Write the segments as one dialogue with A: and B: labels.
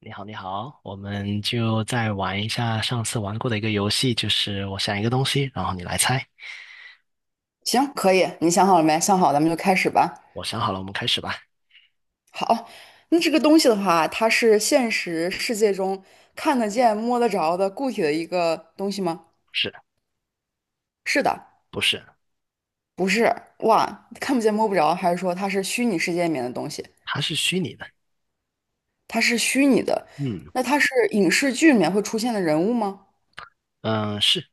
A: 你好，你好，我们就再玩一下上次玩过的一个游戏，就是我想一个东西，然后你来猜。
B: 行，可以，你想好了没？想好，咱们就开始吧。
A: 我想好了，我们开始吧。
B: 好，那这个东西的话，它是现实世界中看得见、摸得着的固体的一个东西吗？
A: 是
B: 是的，
A: 不是？
B: 不是。哇，看不见、摸不着，还是说它是虚拟世界里面的东西？
A: 它是虚拟的。
B: 它是虚拟的，
A: 嗯
B: 那它是影视剧里面会出现的人物吗？
A: 嗯、是，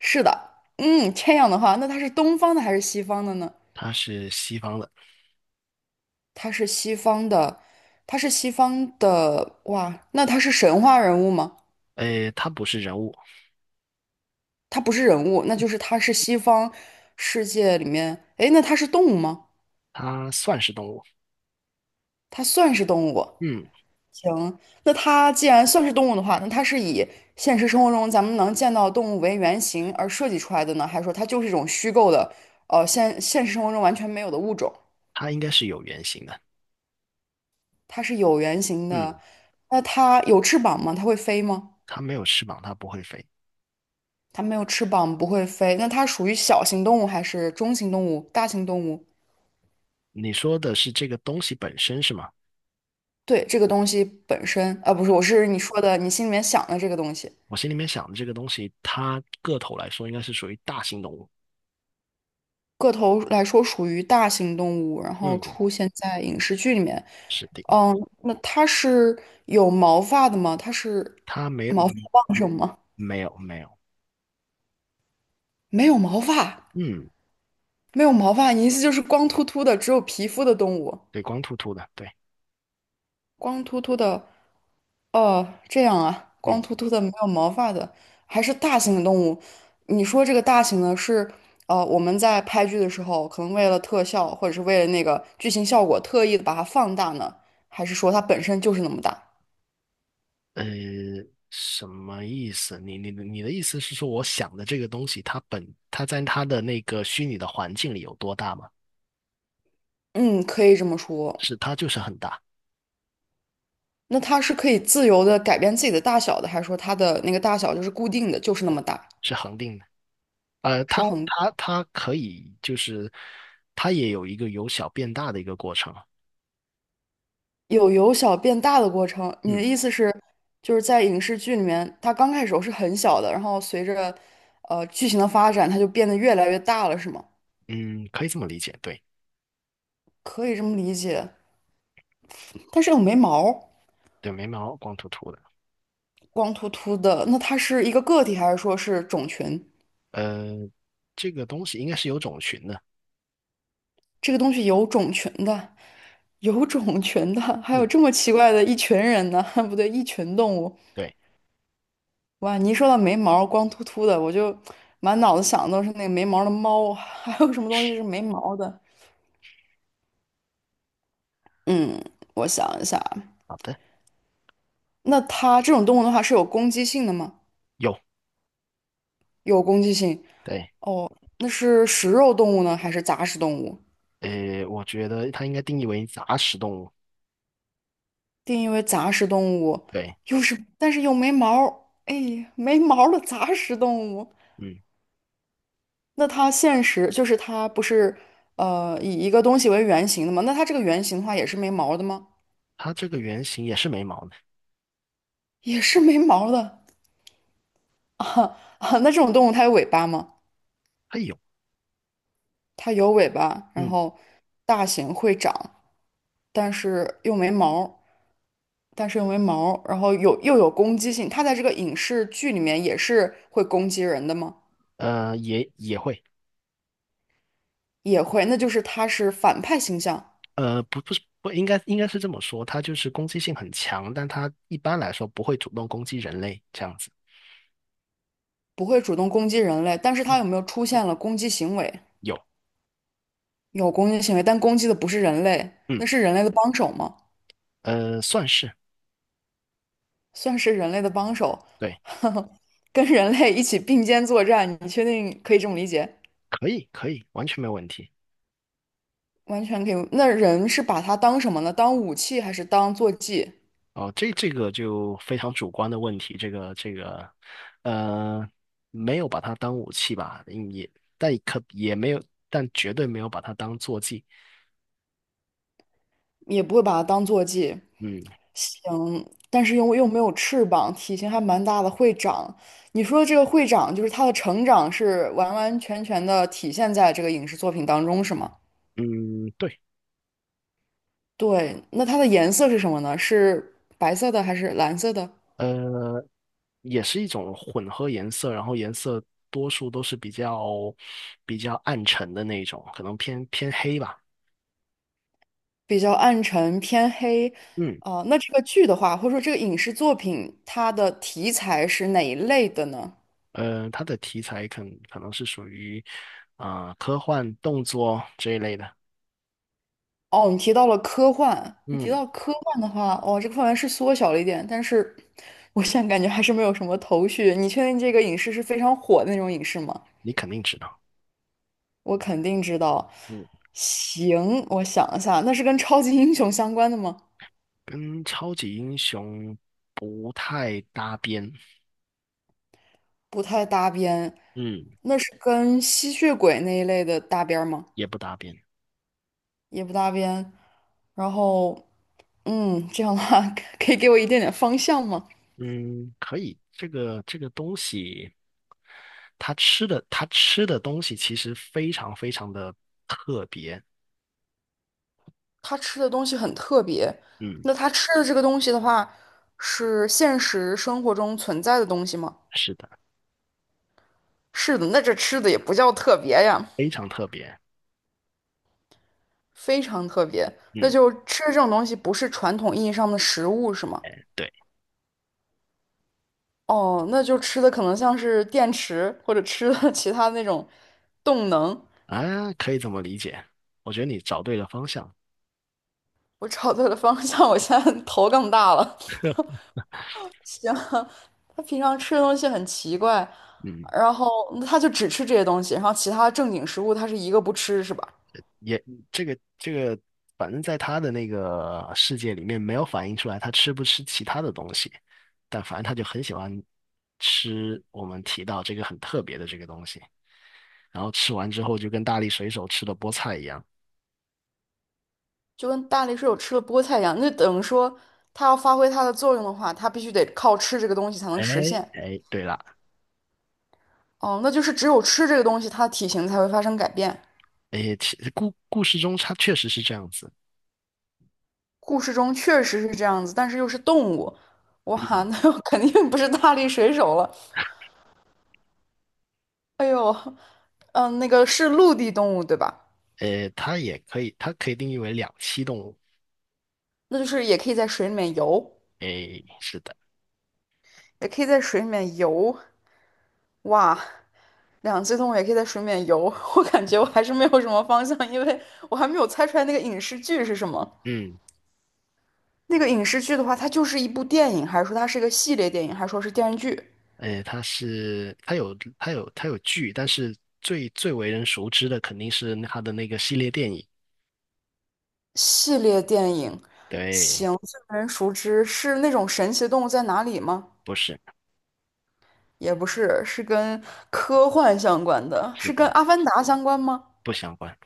B: 是的。嗯，这样的话，那它是东方的还是西方的呢？
A: 它是西方的。
B: 它是西方的，它是西方的。哇，那它是神话人物吗？
A: 诶，它不是人物，
B: 它不是人物，那就是它是西方世界里面，哎，那它是动物吗？
A: 它算是动物。
B: 它算是动物。
A: 嗯，
B: 行，那它既然算是动物的话，那它是以现实生活中咱们能见到的动物为原型而设计出来的呢，还是说它就是一种虚构的，现实生活中完全没有的物种？
A: 它应该是有原型的。
B: 它是有原型
A: 嗯，
B: 的。那它有翅膀吗？它会飞吗？
A: 它没有翅膀，它不会飞。
B: 它没有翅膀，不会飞。那它属于小型动物还是中型动物、大型动物？
A: 你说的是这个东西本身是吗？
B: 对，这个东西本身，啊，不是，我是你说的，你心里面想的这个东西，
A: 我心里面想的这个东西，它个头来说应该是属于大型动物。
B: 个头来说属于大型动物，然后
A: 嗯，
B: 出现在影视剧里面。
A: 是的，
B: 嗯，那它是有毛发的吗？它是
A: 它没
B: 毛发
A: 嗯
B: 旺盛吗？
A: 没有没有。
B: 没有毛发，
A: 嗯，
B: 没有毛发，你意思就是光秃秃的，只有皮肤的动物，
A: 对，光秃秃的，对。
B: 光秃秃的。哦，这样啊，光
A: 嗯，
B: 秃秃的没有毛发的，还是大型的动物。你说这个大型的是，我们在拍剧的时候，可能为了特效或者是为了那个剧情效果，特意的把它放大呢，还是说它本身就是那么大？
A: 呃，什么意思？你的意思是说，我想的这个东西，它在它的那个虚拟的环境里有多大吗？
B: 嗯，可以这么说。
A: 是，它就是很大，
B: 那它是可以自由的改变自己的大小的，还是说它的那个大小就是固定的，就是那么大，
A: 是恒定的。呃，
B: 是
A: 它
B: 恒？
A: 它它可以就是，它也有一个由小变大的一个过程。
B: 有由小变大的过程。你
A: 嗯，
B: 的意思是，就是在影视剧里面，它刚开始时候是很小的，然后随着剧情的发展，它就变得越来越大了，是吗？
A: 嗯，可以这么理解，对
B: 可以这么理解。但是有没毛，
A: 对，眉毛，光秃秃的。
B: 光秃秃的，那它是一个个体，还是说是种群？
A: 呃，这个东西应该是有种群的。
B: 这个东西有种群的，有种群的，还有
A: 嗯，
B: 这么奇怪的一群人呢？不对，一群动物。
A: 对，
B: 哇，你一说到没毛、光秃秃的，我就满脑子想的都是那个没毛的猫，还有什么东西是没毛的？嗯，我想一下，
A: 好的，
B: 那它这种动物的话是有攻击性的吗？
A: 有，
B: 有攻击性。
A: 对。
B: 哦，那是食肉动物呢，还是杂食动物？
A: 我觉得它应该定义为杂食动物。
B: 定义为杂食动物，
A: 对，
B: 但是又没毛儿，哎，没毛儿的杂食动物。
A: 嗯，
B: 那它现实就是它不是以一个东西为原型的吗？那它这个原型的话也是没毛儿的吗？
A: 它这个原型也是没毛的，
B: 也是没毛儿的。哈啊，那这种动物它有尾巴吗？
A: 它有，
B: 它有尾巴，然
A: 嗯，
B: 后大型会长，但是又没毛儿。但是又没毛儿然后又有攻击性，他在这个影视剧里面也是会攻击人的吗？
A: 也也会。
B: 也会，那就是他是反派形象，
A: 呃，不不是不应该应该是这么说，它就是攻击性很强，但它一般来说不会主动攻击人类这样子。
B: 不会主动攻击人类，但是
A: 嗯，
B: 他有没有出现了攻击行为？
A: 有，
B: 有攻击行为，但攻击的不是人类，
A: 嗯，
B: 那是人类的帮手吗？
A: 算是，
B: 算是人类的帮手，
A: 对，
B: 跟人类一起并肩作战，你确定可以这么理解？
A: 可以可以，完全没有问题。
B: 完全可以。那人是把它当什么呢？当武器还是当坐骑？
A: 哦，这这个就非常主观的问题，呃，没有把它当武器吧，嗯也但可也没有，但绝对没有把它当坐骑。
B: 也不会把它当坐骑，
A: 嗯
B: 嗯，但是又没有翅膀，体型还蛮大的会长。你说这个会长，就是他的成长是完完全全的体现在这个影视作品当中，是吗？
A: 嗯，对。
B: 对，那它的颜色是什么呢？是白色的还是蓝色的？
A: 呃。也是一种混合颜色，然后颜色多数都是比较比较暗沉的那种，可能偏偏黑吧。
B: 比较暗沉偏黑。
A: 嗯，
B: 啊、那这个剧的话，或者说这个影视作品，它的题材是哪一类的呢？
A: 它的题材可能是属于科幻、动作这一类的。
B: 哦，你提到了科幻，你提
A: 嗯，
B: 到科幻的话，哦，这个范围是缩小了一点，但是我现在感觉还是没有什么头绪。你确定这个影视是非常火的那种影视吗？
A: 你肯定知道。
B: 我肯定知道。
A: 嗯，
B: 行，我想一下，那是跟超级英雄相关的吗？
A: 跟超级英雄不太搭边。
B: 不太搭边。
A: 嗯，
B: 那是跟吸血鬼那一类的搭边儿吗？
A: 也不搭边。
B: 也不搭边。然后，这样的话 可以给我一点点方向吗？
A: 嗯，可以。这个东西，它吃的东西其实非常非常的特别。
B: 他吃的东西很特别。
A: 嗯。
B: 那他吃的这个东西的话，是现实生活中存在的东西吗？
A: 是的，
B: 是的，那这吃的也不叫特别呀，
A: 非常特别。
B: 非常特别。那
A: 嗯，
B: 就吃这种东西不是传统意义上的食物是吗？
A: 哎，对
B: 哦，那就吃的可能像是电池或者吃的 其他那种动能。
A: 啊，可以这么理解。我觉得你找对了方向。
B: 我找对了方向，我现在头更大了。行，他平常吃的东西很奇怪，
A: 嗯，
B: 然后他就只吃这些东西，然后其他正经食物他是一个不吃，是吧？
A: 也这个这个，反正在他的那个世界里面，没有反映出来他吃不吃其他的东西，但反正他就很喜欢吃我们提到这个很特别的这个东西。然后吃完之后，就跟大力水手吃的菠菜一样。
B: 就跟大力水手吃了菠菜一样，那等于说他要发挥它的作用的话，他必须得靠吃这个东西才能
A: 哎，
B: 实现。
A: 哎，对了，
B: 哦，那就是只有吃这个东西，它的体型才会发生改变。
A: 哎，故事中它确实是这样子。
B: 故事中确实是这样子，但是又是动物，哇，
A: 嗯，
B: 那我肯定不是大力水手了。哎呦，那个是陆地动物，对吧？
A: 它也可以，它可以定义为两栖动物。
B: 那就是也可以在水里面游。
A: 诶，是的，
B: 也可以在水里面游。哇，两栖动物也可以在水里面游，我感觉我还是没有什么方向，因为我还没有猜出来那个影视剧是什么。
A: 嗯，
B: 那个影视剧的话，它就是一部电影，还是说它是一个系列电影，还是说是电视剧？
A: 诶，它是它有剧，但是最最为人熟知的肯定是它的那个系列电影。
B: 系列电影，
A: 对，
B: 行，最为人熟知是那种神奇的动物在哪里吗？
A: 不是，
B: 也不是，是跟科幻相关的，
A: 是
B: 是跟
A: 的，
B: 《阿凡达》相关吗？
A: 不相关。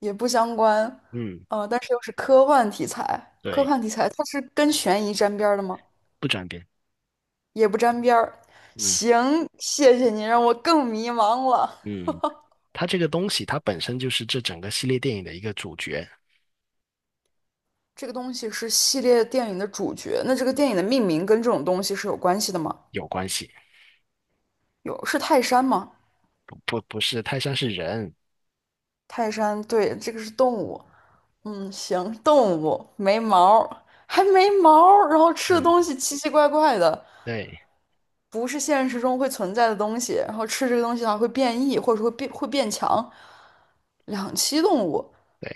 B: 也不相关，
A: 嗯，
B: 但是又是科幻题材，科
A: 对，
B: 幻题材它是跟悬疑沾边儿的吗？
A: 不转变。
B: 也不沾边儿。
A: 嗯，
B: 行，谢谢你让我更迷茫了。
A: 嗯，它这个东西它本身就是这整个系列电影的一个主角，
B: 这个东西是系列电影的主角，那这个电影的命名跟这种东西是有关系的吗？
A: 有关系。
B: 有，是泰山吗？
A: 不是泰山是人。
B: 泰山，对，这个是动物。嗯，行，动物没毛儿，还没毛儿，然后吃的东
A: 嗯，
B: 西奇奇怪怪的，
A: 对
B: 不是现实中会存在的东西，然后吃这个东西的话会变异，或者说会变强。两栖动物，
A: 对，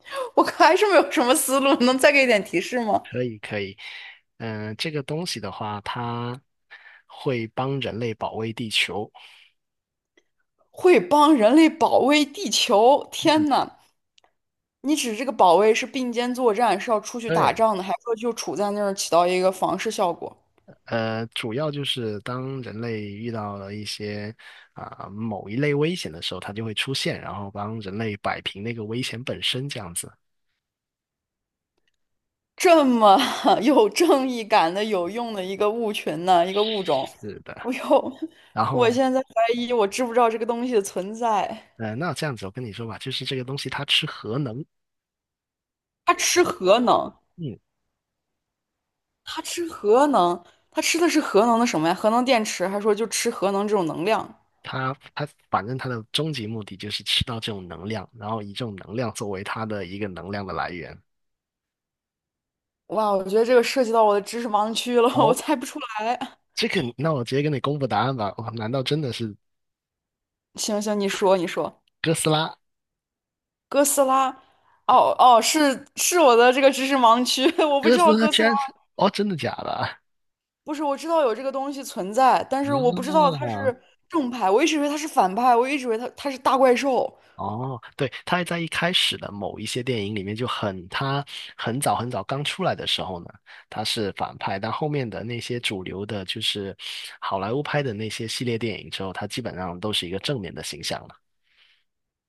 B: 我还是没有什么思路，能再给一点提示吗？
A: 可以可以。嗯、这个东西的话，它会帮人类保卫地球。
B: 会帮人类保卫地球。
A: 嗯，
B: 天呐，你指这个保卫是并肩作战，是要出去打
A: 对。
B: 仗的，还是说就处在那儿起到一个防御效果？
A: 主要就是当人类遇到了一些某一类危险的时候，它就会出现，然后帮人类摆平那个危险本身这样子。
B: 这么 有正义感的、有用的一个物群呢，一个物种，
A: 是的，
B: 我呦，
A: 然
B: 我
A: 后
B: 现在怀疑我知不知道这个东西的存在。
A: 那这样子我跟你说吧，就是这个东西它吃核能。
B: 它吃核能，
A: 嗯，
B: 它吃核能，它吃的是核能的什么呀？核能电池，还说就吃核能这种能量？
A: 反正它的终极目的就是吃到这种能量，然后以这种能量作为它的一个能量的来源。
B: 哇，我觉得这个涉及到我的知识盲区了，我
A: 哦，
B: 猜不出来。
A: 这个那我直接跟你公布答案吧。哇，难道真的是
B: 行行，你说你说，
A: 哥斯拉？
B: 哥斯拉，哦哦，是我的这个知识盲区，我不
A: 哥
B: 知
A: 斯
B: 道
A: 拉
B: 哥
A: 居
B: 斯拉，
A: 然是哦，真的假的啊？
B: 不是我知道有这个东西存在，但是我不知道它是正派，我一直以为它是反派，我一直以为它是大怪兽。
A: 哦，对，他在一开始的某一些电影里面就很，他很早很早刚出来的时候呢，他是反派，但后面的那些主流的，就是好莱坞拍的那些系列电影之后，他基本上都是一个正面的形象了。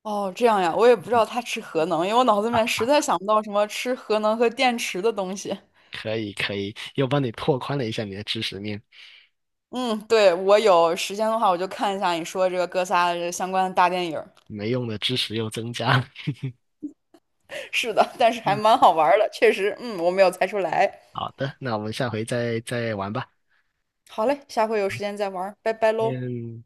B: 哦，这样呀，我也不知道它吃核能，因为我脑子里
A: 啊，
B: 面实在想不到什么吃核能和电池的东西。
A: 可以可以，又帮你拓宽了一下你的知识面，
B: 嗯，对，我有时间的话，我就看一下你说这个哥斯拉的这相关的大电影儿
A: 没用的知识又增加了。
B: 是的，但是还
A: 嗯，
B: 蛮好玩儿的，确实，嗯，我没有猜出来。
A: 好的，那我们下回再玩吧。
B: 好嘞，下回有时间再玩儿拜拜喽。
A: 嗯，